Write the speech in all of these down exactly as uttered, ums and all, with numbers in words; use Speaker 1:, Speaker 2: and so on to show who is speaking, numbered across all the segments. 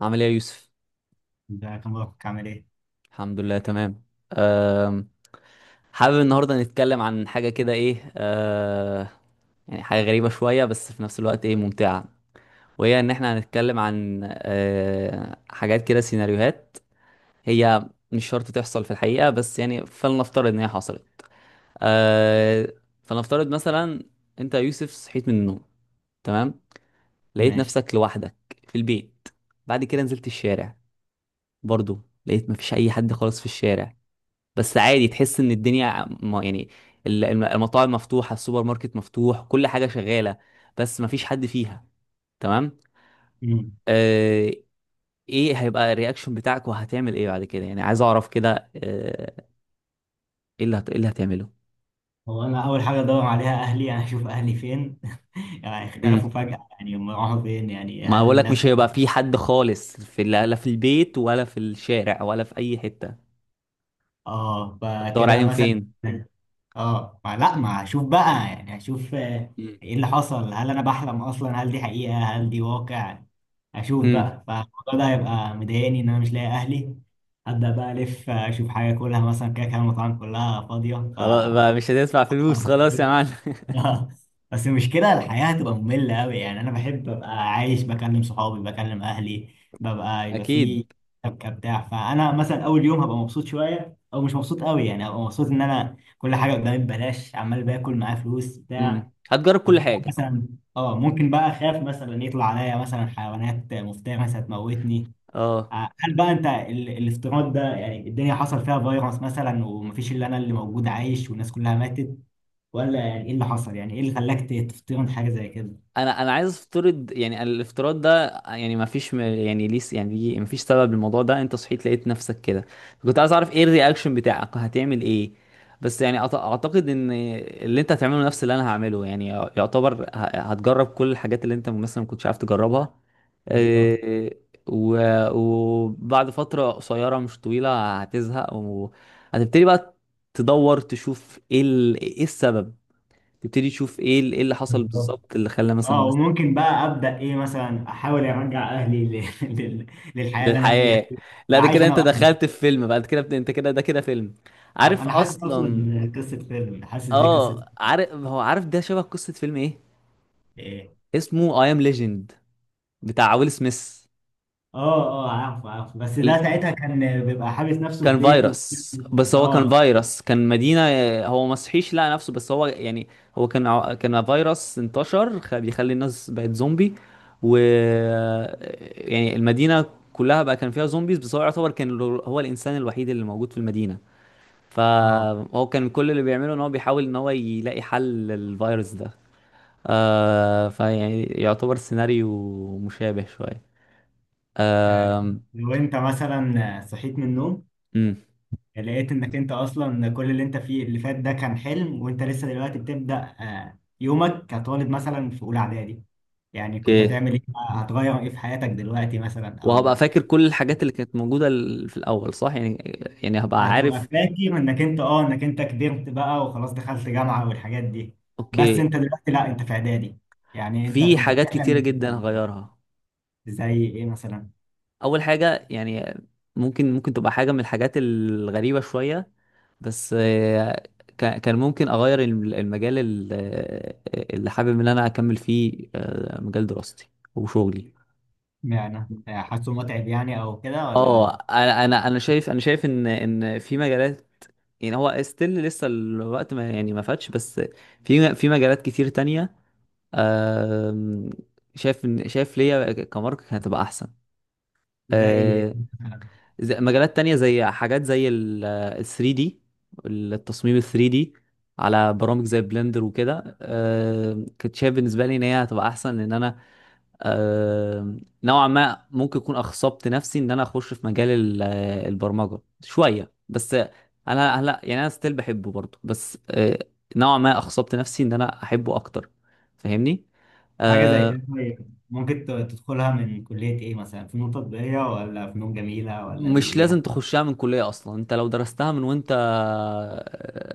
Speaker 1: عامل ايه يا يوسف؟
Speaker 2: ازيك يا مبروك، عامل ايه؟
Speaker 1: الحمد لله تمام. أم، حابب النهارده نتكلم عن حاجه كده ايه أه يعني حاجه غريبه شويه، بس في نفس الوقت ايه ممتعه. وهي ان احنا هنتكلم عن أه حاجات كده، سيناريوهات هي مش شرط تحصل في الحقيقه، بس يعني فلنفترض ان هي حصلت. أه فلنفترض مثلا، انت يا يوسف صحيت من النوم، تمام، لقيت
Speaker 2: ماشي.
Speaker 1: نفسك لوحدك في البيت. بعد كده نزلت الشارع، برضو لقيت مفيش اي حد خالص في الشارع. بس عادي، تحس ان الدنيا م- يعني ال- الم- المطاعم مفتوحه، السوبر ماركت مفتوح، كل حاجه شغاله بس مفيش حد فيها، تمام.
Speaker 2: مم.
Speaker 1: آه ايه هيبقى الرياكشن بتاعك وهتعمل ايه بعد كده؟ يعني عايز اعرف كده، آه، ايه اللي هت... ايه اللي هتعمله؟
Speaker 2: هو انا اول حاجه ادور عليها اهلي، انا اشوف اهلي فين. يعني
Speaker 1: امم
Speaker 2: اختفوا فجاه، يعني هم راحوا فين؟ يعني
Speaker 1: ما
Speaker 2: هل
Speaker 1: بقول لك
Speaker 2: الناس...
Speaker 1: مش هيبقى في حد خالص في، لا لا، في البيت ولا في الشارع ولا في اي حته.
Speaker 2: اه،
Speaker 1: تدور
Speaker 2: فكده
Speaker 1: عليهم
Speaker 2: مثلا.
Speaker 1: فين؟
Speaker 2: اه، ما لا ما اشوف بقى، يعني اشوف آه،
Speaker 1: امم.
Speaker 2: ايه اللي حصل، هل انا بحلم اصلا؟ هل دي حقيقه؟ هل دي واقع؟ اشوف
Speaker 1: امم.
Speaker 2: بقى، فالموضوع ده هيبقى مضايقني ان انا مش لاقي اهلي ابدا. بقى الف آه، اشوف حاجه اكلها مثلا، كده كده المطاعم كلها فاضيه ف...
Speaker 1: خلاص بقى، مش هتدفع فلوس، خلاص يا معلم.
Speaker 2: آه. بس المشكلة الحياة هتبقى مملة أوي، يعني أنا بحب أبقى عايش، بكلم صحابي بكلم أهلي، ببقى يبقى في
Speaker 1: اكيد.
Speaker 2: شبكة بتاع. فأنا مثلا أول يوم هبقى مبسوط شوية، أو مش مبسوط أوي، يعني هبقى مبسوط إن أنا كل حاجة قدامي ببلاش، عمال باكل معايا فلوس
Speaker 1: امم
Speaker 2: بتاع.
Speaker 1: هتجرب كل
Speaker 2: وفجأة
Speaker 1: حاجه.
Speaker 2: مثلا أه ممكن بقى أخاف مثلا، يطلع عليا مثلا حيوانات مفترسة مثلا تموتني.
Speaker 1: اه،
Speaker 2: آه، هل بقى أنت ال- الافتراض ده، يعني الدنيا حصل فيها فيروس مثلا ومفيش إلا أنا اللي موجود عايش والناس كلها ماتت؟ ولا يعني ايه اللي حصل؟ يعني ايه اللي خلاك ت- تفترض حاجه زي كده؟
Speaker 1: انا انا عايز افترض يعني، الافتراض ده يعني ما فيش م- يعني ليس يعني ليه، ما فيش سبب للموضوع ده. انت صحيت لقيت نفسك كده، كنت عايز اعرف ايه الرياكشن بتاعك، هتعمل ايه؟ بس يعني أعت- اعتقد ان اللي انت هتعمله نفس اللي انا هعمله، يعني يعتبر ه- هتجرب كل الحاجات اللي انت مثلا ما كنتش عارف تجربها.
Speaker 2: بالظبط،
Speaker 1: إيه، و- وبعد فترة قصيرة مش طويلة هتزهق وهتبتدي بقى تدور تشوف ايه ال- ايه السبب، تبتدي تشوف ايه ال- ايه اللي حصل
Speaker 2: بالظبط.
Speaker 1: بالظبط اللي خلى مثلا
Speaker 2: اه،
Speaker 1: الناس.
Speaker 2: وممكن بقى ابدا ايه، مثلا احاول ارجع اهلي ل... لل... للحياه اللي انا فيها
Speaker 1: للحياة.
Speaker 2: دي.
Speaker 1: لا،
Speaker 2: بقى
Speaker 1: ده
Speaker 2: عايش
Speaker 1: كده
Speaker 2: انا
Speaker 1: انت
Speaker 2: واهلي.
Speaker 1: دخلت في فيلم بعد كده، بت- انت كده، ده كده فيلم. عارف
Speaker 2: انا حاسس اصلا
Speaker 1: اصلا.
Speaker 2: إن قصه فيلم، حاسس دي قصه
Speaker 1: اه عارف، هو عارف ده شبه قصة فيلم، ايه
Speaker 2: ايه.
Speaker 1: اسمه؟ اي ام ليجند، بتاع ويل سميث.
Speaker 2: اه، اه، عارف عارف. بس ده
Speaker 1: ال...
Speaker 2: ساعتها كان بيبقى حابس نفسه في
Speaker 1: كان
Speaker 2: بيته.
Speaker 1: فيروس، بس هو كان
Speaker 2: اه.
Speaker 1: فيروس، كان مدينة. هو ما صحيش لقى نفسه، بس هو يعني هو كان ع- كان فيروس انتشر خ- بيخلي الناس بقت زومبي. و يعني المدينة كلها بقى كان فيها زومبيز، بس هو يعتبر كان ال- هو الإنسان الوحيد اللي موجود في المدينة.
Speaker 2: اه.
Speaker 1: فهو كان كل اللي بيعمله ان هو بيحاول ان هو يلاقي حل للفيروس ده. آه فيعني يعتبر سيناريو مشابه شوية.
Speaker 2: آه،
Speaker 1: آم،
Speaker 2: لو انت مثلا صحيت من النوم،
Speaker 1: امم.
Speaker 2: يعني لقيت انك انت اصلا كل اللي انت فيه اللي فات ده كان حلم، وانت لسه دلوقتي بتبدأ آه، يومك كطالب مثلا في اولى اعدادي، يعني كنت
Speaker 1: اوكي.
Speaker 2: هتعمل ايه؟ هتغير ايه في حياتك دلوقتي مثلا؟
Speaker 1: وهبقى
Speaker 2: او
Speaker 1: فاكر كل الحاجات اللي كانت موجودة ال- في الأول، صح يعني؟ يعني هبقى
Speaker 2: هتبقى
Speaker 1: عارف.
Speaker 2: فاكر انك انت اه انك انت كبرت بقى وخلاص دخلت جامعة والحاجات دي؟ بس
Speaker 1: اوكي.
Speaker 2: انت دلوقتي لا، انت في اعدادي، يعني انت
Speaker 1: في
Speaker 2: كنت
Speaker 1: حاجات
Speaker 2: بتحلم
Speaker 1: كتيرة
Speaker 2: إنك
Speaker 1: جدا
Speaker 2: تبقى.
Speaker 1: هغيرها.
Speaker 2: زي ايه مثلا؟
Speaker 1: أول حاجة يعني، ممكن ممكن تبقى حاجة من الحاجات الغريبة شوية، بس آه، كا- كان ممكن اغير الم- المجال ال- آه، اللي حابب ان انا اكمل فيه، آه، مجال دراستي وشغلي.
Speaker 2: معنى حاسه متعب يعني، او كده،
Speaker 1: اه،
Speaker 2: ولا؟
Speaker 1: انا انا انا شايف انا شايف ان ان في مجالات، يعني هو ستيل لسه الوقت ما يعني ما فاتش، بس في في مجالات كتير تانية. آم، شايف ان شايف ليا كمارك هتبقى احسن.
Speaker 2: زي
Speaker 1: آه، زي مجالات تانية، زي حاجات زي ال ال ثري دي، التصميم ال ثري دي على برامج زي بلندر وكده. آه، كنت شايف بالنسبة لي ان هي هتبقى احسن ان انا آه، نوعا ما ممكن اكون اخصبت نفسي ان انا اخش في مجال ال- آه، البرمجة شوية. بس انا هلا يعني انا ستيل بحبه برضه، بس آه، نوعا ما اخصبت نفسي ان انا احبه اكتر، فاهمني؟
Speaker 2: حاجة زي إيه.
Speaker 1: آه،
Speaker 2: كده طيب ممكن ت- تدخلها من كلية ايه مثلا؟ فنون تطبيقية، ولا فنون جميلة، ولا دي
Speaker 1: مش لازم
Speaker 2: ايه؟
Speaker 1: تخشها من كلية أصلا. أنت لو درستها من وأنت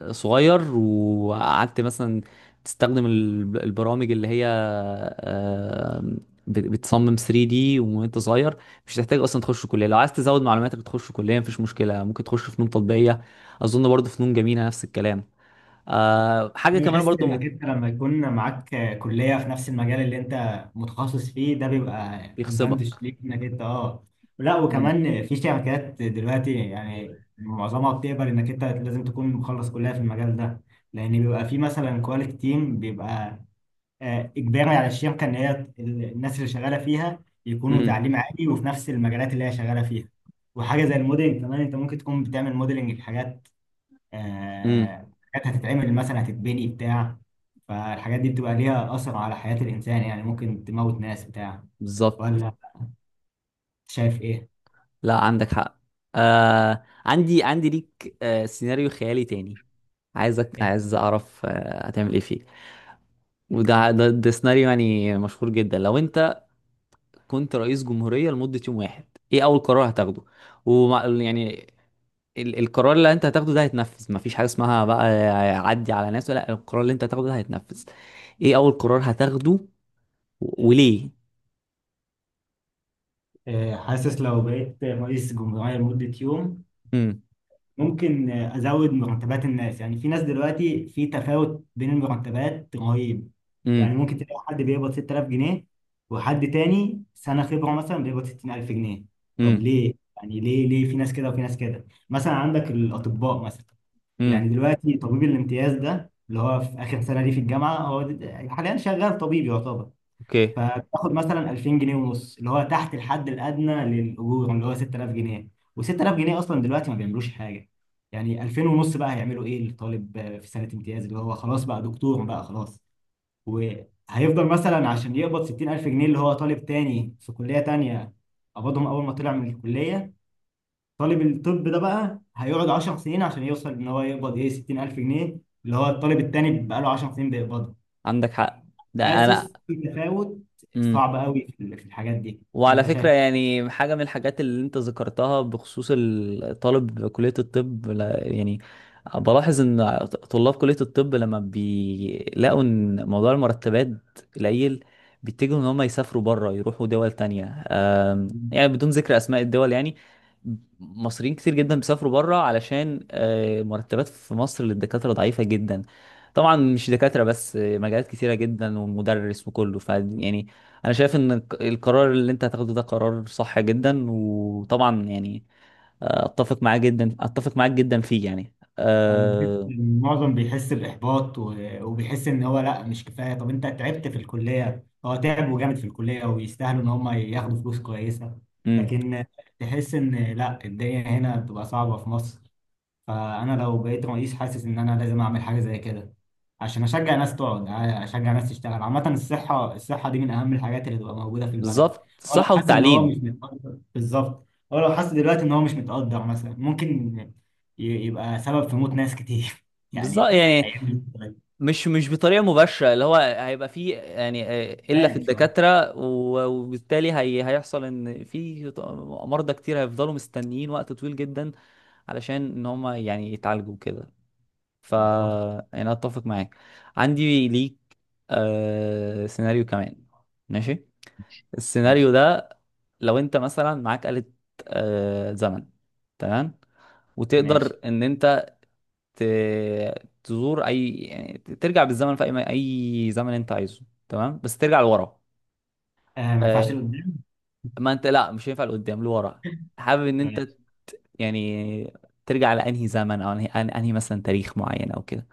Speaker 1: آه، صغير، وقعدت مثلا تستخدم ال- البرامج اللي هي آه، بت- بتصمم ثري دي وأنت صغير، مش هتحتاج أصلا تخش كلية. لو عايز تزود معلوماتك تخش كلية، مفيش مشكلة، ممكن تخش فنون تطبيقية، أظن برضه فنون جميلة نفس الكلام. آه، حاجة
Speaker 2: انا
Speaker 1: كمان
Speaker 2: بحس انك
Speaker 1: برضه
Speaker 2: انت لما يكون معاك كلية في نفس المجال اللي انت متخصص فيه ده، بيبقى ادفانتج
Speaker 1: بيخصبك.
Speaker 2: ليك انك انت، اه لا،
Speaker 1: امم.
Speaker 2: وكمان في شركات دلوقتي، يعني معظمها بتقبل انك انت لازم تكون مخلص كلية في المجال ده. لان بيبقى في مثلا كواليتي تيم، بيبقى آه، اجباري على الشركه ان هي ال- الناس اللي شغاله فيها يكونوا
Speaker 1: امم.
Speaker 2: تعليم عالي وفي نفس المجالات اللي هي شغاله فيها. وحاجه زي الموديلنج كمان، انت ممكن تكون بتعمل موديلنج لحاجات
Speaker 1: امم.
Speaker 2: آه، حاجات هتتعمل مثلا، هتتبني بتاع، فالحاجات دي بتبقى ليها اثر على حياه الانسان، يعني ممكن تموت ناس بتاع،
Speaker 1: بالظبط.
Speaker 2: ولا شايف ايه؟
Speaker 1: لا، عندك حق. آه عندي عندي ليك آه سيناريو خيالي تاني. عايزك
Speaker 2: إيه؟
Speaker 1: عايز اعرف آه هتعمل ايه فيه. وده ده, ده سيناريو يعني مشهور جدا. لو انت كنت رئيس جمهورية لمدة يوم واحد، ايه اول قرار هتاخده؟ ومع يعني ال القرار اللي انت هتاخده ده هيتنفذ، مفيش حاجة اسمها بقى عدي على ناس، لا، القرار اللي انت هتاخده ده هيتنفذ. ايه اول قرار هتاخده؟ و- وليه؟
Speaker 2: آه، حاسس لو بقيت رئيس جمهوريه لمده يوم،
Speaker 1: امم.
Speaker 2: ممكن ازود مرتبات الناس. يعني في ناس دلوقتي، في تفاوت بين المرتبات رهيب. يعني
Speaker 1: امم.
Speaker 2: ممكن تلاقي حد بيقبض ستة آلاف جنيه، وحد تاني سنة خبرة مثلا بيقبض ستين ألف جنيه. طب
Speaker 1: امم.
Speaker 2: ليه؟ يعني ليه، ليه في ناس كده وفي ناس كده؟ مثلا عندك الاطباء مثلا،
Speaker 1: امم.
Speaker 2: يعني دلوقتي طبيب الامتياز ده اللي هو في اخر سنة ليه في الجامعة، هو د- حاليا شغال طبيب يعتبر،
Speaker 1: اوكي.
Speaker 2: فبتاخد مثلا ألفين جنيه ونص، اللي هو تحت الحد الادنى للاجور اللي هو ستة آلاف جنيه. و6000 جنيه اصلا دلوقتي ما بيعملوش حاجه، يعني ألفين ونص بقى هيعملوا ايه للطالب آه، في سنه امتياز اللي هو خلاص بقى دكتور بقى خلاص؟ وهيفضل مثلا عشان يقبض ستين ألف جنيه اللي هو طالب تاني في كليه تانيه قبضهم اول ما طلع من الكليه. طالب الطب ده بقى هيقعد 10 سنين عشان يوصل ان هو يقبض ايه، ستين ألف جنيه اللي هو الطالب التاني بقى له 10 سنين بيقبضها.
Speaker 1: عندك حق. ده انا.
Speaker 2: حاسس في تفاوت
Speaker 1: امم.
Speaker 2: صعب قوي في ال- في الحاجات دي.
Speaker 1: وعلى
Speaker 2: انت
Speaker 1: فكرة
Speaker 2: شايف؟
Speaker 1: يعني حاجة من الحاجات اللي انت ذكرتها بخصوص الطالب كلية الطب، لا- يعني بلاحظ ان طلاب كلية الطب لما بيلاقوا ان موضوع المرتبات قليل، بيتجهوا ان هم يسافروا بره، يروحوا دول تانية. آم، يعني بدون ذكر اسماء الدول، يعني مصريين كتير جدا بيسافروا بره علشان آه، مرتبات في مصر للدكاترة ضعيفة جدا. طبعا مش دكاترة بس، آه، مجالات كتيرة جدا ومدرس وكله. ف يعني انا شايف ان الق- القرار اللي انت هتاخده ده قرار صح جدا، وطبعا يعني آه، اتفق معاه جدا، اتفق معاك جدا فيه يعني.
Speaker 2: انا بحس
Speaker 1: أه...
Speaker 2: إن معظم بيحس باحباط، و- وبيحس ان هو لا، مش كفايه. طب انت تعبت في الكليه، هو تعبوا جامد في الكليه ويستاهلوا ان هم ياخدوا فلوس كويسه.
Speaker 1: أمم،
Speaker 2: لكن تحس ان لا، الدنيا هنا بتبقى صعبه في مصر. فانا لو بقيت رئيس، حاسس ان انا لازم اعمل حاجه زي كده، عشان اشجع ناس تقعد آه، اشجع ناس تشتغل عامه الصحه. الصحه دي من اهم الحاجات اللي تبقى موجوده في البلد.
Speaker 1: بالظبط،
Speaker 2: هو لو
Speaker 1: الصحة
Speaker 2: حاسس ان هو مش
Speaker 1: والتعليم.
Speaker 2: متقدر بالظبط، هو لو حاسس دلوقتي ان هو مش متقدر مثلا، ممكن ي- يبقى سبب في موت ناس كتير يعني،
Speaker 1: بالظبط يعني،
Speaker 2: هيعمل.
Speaker 1: مش مش بطريقة مباشرة اللي هو هيبقى فيه يعني آه، إلا في
Speaker 2: ماشي.
Speaker 1: الدكاترة، و- وبالتالي هي هيحصل إن في ط- مرضى كتير هيفضلوا مستنيين وقت طويل جدا علشان إن هم يعني يتعالجوا كده. ف
Speaker 2: بالظبط.
Speaker 1: يعني اتفق معاك. عندي ليك آه... سيناريو كمان. ماشي. السيناريو
Speaker 2: ماشي.
Speaker 1: ده، لو انت مثلا معاك آلة آه... زمن، تمام،
Speaker 2: ماشي.
Speaker 1: وتقدر ان انت ت... تزور اي، يعني ترجع بالزمن في اي اي زمن انت عايزه، تمام، بس ترجع لورا.
Speaker 2: آه، ما ينفعش
Speaker 1: آه...
Speaker 2: لقدام.
Speaker 1: ما انت لا، مش هينفع لقدام، لورا. حابب ان
Speaker 2: ماشي.
Speaker 1: انت يعني ترجع لانهي زمن، او انهي, أن- أنهي مثلا تاريخ معين او كده.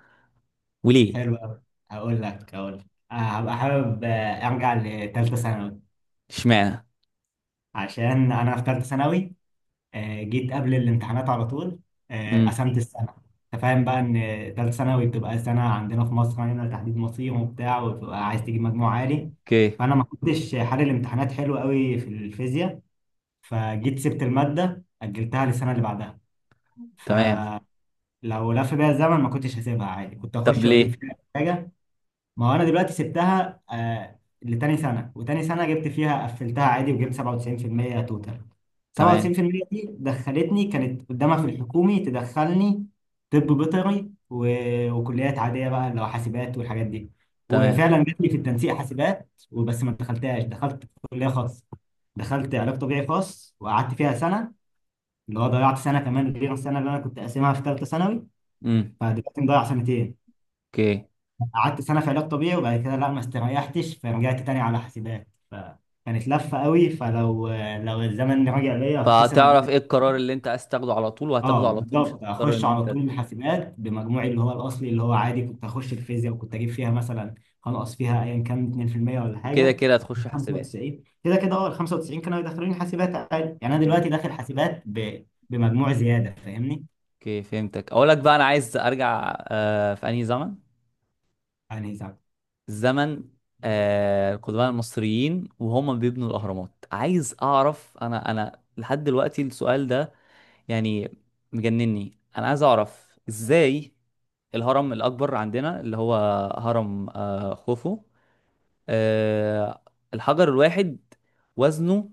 Speaker 1: وليه؟
Speaker 2: حلو قوي. هقول لك هقول لك آه هبقى حابب آه، ارجع لثالثه ثانوي.
Speaker 1: اشمعنى؟
Speaker 2: عشان انا في ثالثه ثانوي آه، جيت قبل الامتحانات على طول آه،
Speaker 1: امم.
Speaker 2: قسمت السنه. انت فاهم بقى ان ثالثه ثانوي بتبقى سنه عندنا في مصر هنا تحديد مصير وبتاع، وبتبقى عايز تجيب مجموع عالي.
Speaker 1: اوكي.
Speaker 2: فانا ما كنتش حل الامتحانات حلو قوي في الفيزياء، فجيت سبت الماده اجلتها للسنه اللي بعدها.
Speaker 1: تمام.
Speaker 2: فلو لف بيا الزمن، ما كنتش هسيبها عادي، كنت
Speaker 1: طب
Speaker 2: اخش
Speaker 1: ليه؟
Speaker 2: واجيب فيها حاجه. ما هو انا دلوقتي سبتها آه لتاني سنه، وتاني سنه جبت فيها، قفلتها عادي وجبت سبعة وتسعين في المية توتال.
Speaker 1: تمام.
Speaker 2: سبعة وتسعين في المية دي دخلتني، كانت قدامها في الحكومي تدخلني طب بيطري، و- وكليات عاديه بقى اللي هو حاسبات والحاجات دي.
Speaker 1: تمام.
Speaker 2: وفعلا جات لي في التنسيق حاسبات، وبس ما دخلتهاش، دخلت كليه خاص، دخلت علاج طبيعي خاص، وقعدت فيها سنه، اللي هو ضيعت سنه كمان غير السنه اللي انا كنت قاسمها في ثالثه ثانوي.
Speaker 1: امم.
Speaker 2: فدلوقتي مضيع سنتين.
Speaker 1: اوكي.
Speaker 2: قعدت سنة في علاج طبيعي، وبعد كده لا، ما استريحتش، فرجعت تاني على حاسبات، فكانت لفة قوي. فلو لو الزمن رجع ليا، اختصر
Speaker 1: فهتعرف
Speaker 2: الدنيا.
Speaker 1: ايه القرار اللي انت عايز تاخده على طول وهتاخده
Speaker 2: اه
Speaker 1: على طول، مش
Speaker 2: بالظبط،
Speaker 1: هتضطر
Speaker 2: اخش
Speaker 1: ان
Speaker 2: على
Speaker 1: انت.
Speaker 2: طول الحاسبات بمجموعي اللي هو الاصلي، اللي هو عادي كنت اخش الفيزياء وكنت اجيب فيها مثلا، هنقص فيها ايا كان اتنين في المية ولا
Speaker 1: وكده
Speaker 2: حاجه،
Speaker 1: كده هتخش حسابات.
Speaker 2: خمسة وتسعين. كده كده اه، ال خمسة وتسعين كانوا يدخلوني حاسبات عادي، يعني انا
Speaker 1: امم.
Speaker 2: دلوقتي داخل حاسبات ب... بمجموع زياده، فاهمني؟
Speaker 1: اوكي. فهمتك. اقول لك بقى، انا عايز ارجع آه في انهي زمن.
Speaker 2: يعني زي...
Speaker 1: الزمن آه القدماء المصريين وهم بيبنوا الاهرامات، عايز اعرف. انا انا لحد دلوقتي السؤال ده يعني مجنني. انا عايز اعرف ازاي الهرم الاكبر عندنا، اللي هو هرم آه خوفو، آه، الحجر الواحد وزنه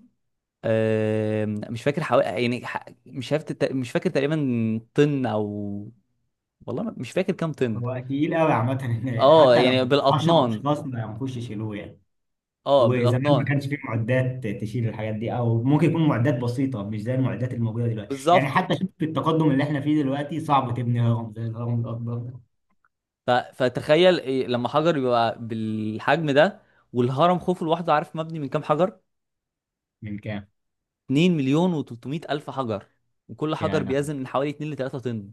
Speaker 1: آه، مش فاكر حوالي يعني ح- مش عارف، تت- مش فاكر تقريبا طن او، والله ما- مش فاكر كام طن.
Speaker 2: هو تقيل قوي عامة.
Speaker 1: اه
Speaker 2: حتى لو
Speaker 1: يعني
Speaker 2: 10
Speaker 1: بالاطنان.
Speaker 2: اشخاص ما ينفعوش يشيلوه يعني.
Speaker 1: اه
Speaker 2: وزمان ما
Speaker 1: بالاطنان.
Speaker 2: كانش فيه معدات تشيل الحاجات دي، او ممكن يكون معدات بسيطه مش زي المعدات الموجوده دلوقتي، يعني
Speaker 1: بالظبط.
Speaker 2: حتى شوف التقدم اللي احنا فيه دلوقتي، صعب تبني هرم زي الهرم الاكبر ده.
Speaker 1: ف... فتخيل إيه لما حجر يبقى بالحجم ده، والهرم خوفو لوحده عارف مبني من كام حجر؟
Speaker 2: من كام؟
Speaker 1: اثنين مليون و300 الف حجر، وكل حجر
Speaker 2: يعني
Speaker 1: بيزن من حوالي اثنين ل ثلاثة طن.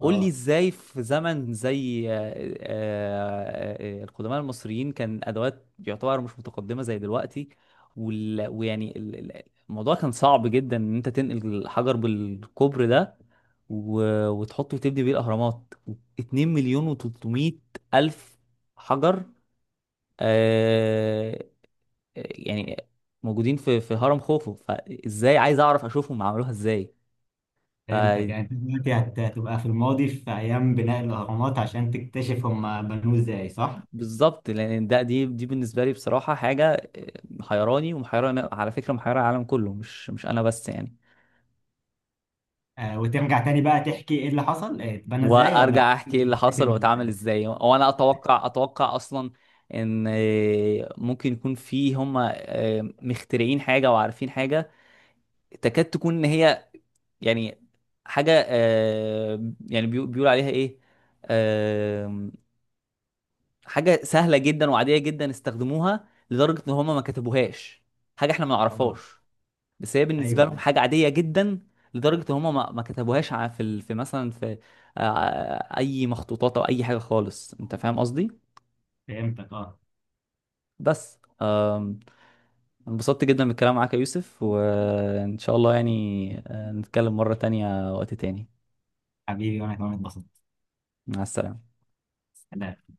Speaker 1: قول لي
Speaker 2: اه،
Speaker 1: ازاي في زمن زي آه، آه، آه، القدماء المصريين، كان ادوات يعتبر مش متقدمه زي دلوقتي. وال... ويعني ال- ال- الموضوع كان صعب جدا ان انت تنقل الحجر بالكوبر ده، و... وتحطه وتبني بيه الاهرامات. اثنين مليون و300 الف حجر آه... يعني موجودين في في هرم خوفو. فازاي عايز اعرف اشوفهم عملوها ازاي؟
Speaker 2: فهمتك، يعني انت دلوقتي هت- هتبقى في الماضي في ايام بناء الاهرامات عشان تكتشف هم بنوه ازاي، صح؟
Speaker 1: بالظبط، لان ده دي دي بالنسبه لي بصراحه حاجه آه، محيراني، ومحيره على فكره، محيره العالم كله، مش مش انا بس يعني.
Speaker 2: آه، وترجع تاني بقى تحكي ايه اللي حصل آه، اتبنى ازاي، ولا؟
Speaker 1: وارجع احكي ايه اللي
Speaker 2: فاكر
Speaker 1: حصل
Speaker 2: من
Speaker 1: واتعامل
Speaker 2: ال-
Speaker 1: ازاي، وانا اتوقع اتوقع اصلا ان آه، ممكن يكون في هم آه، مخترعين حاجه وعارفين حاجه تكاد تكون ان هي يعني حاجه آه، يعني بيقو- بيقول عليها ايه، آه، حاجه سهله جدا وعاديه جدا استخدموها لدرجه ان هم ما كتبوهاش. حاجه احنا ما
Speaker 2: اه،
Speaker 1: نعرفهاش، بس هي
Speaker 2: ايوه،
Speaker 1: بالنسبه لهم
Speaker 2: أيوة.
Speaker 1: حاجه عاديه جدا. لدرجه ان هم ما ما كتبوهاش ع- في ال- في مثلا في آه، اي مخطوطات او اي حاجه خالص، انت فاهم قصدي؟
Speaker 2: فهمتك، اه.
Speaker 1: بس آم، انبسطت جدا بالكلام معاك يا يوسف، وان شاء الله يعني آه، نتكلم مره تانية وقت تاني.
Speaker 2: حبيبي، وانا كمان اتبسطت.
Speaker 1: مع السلامه.
Speaker 2: سلام.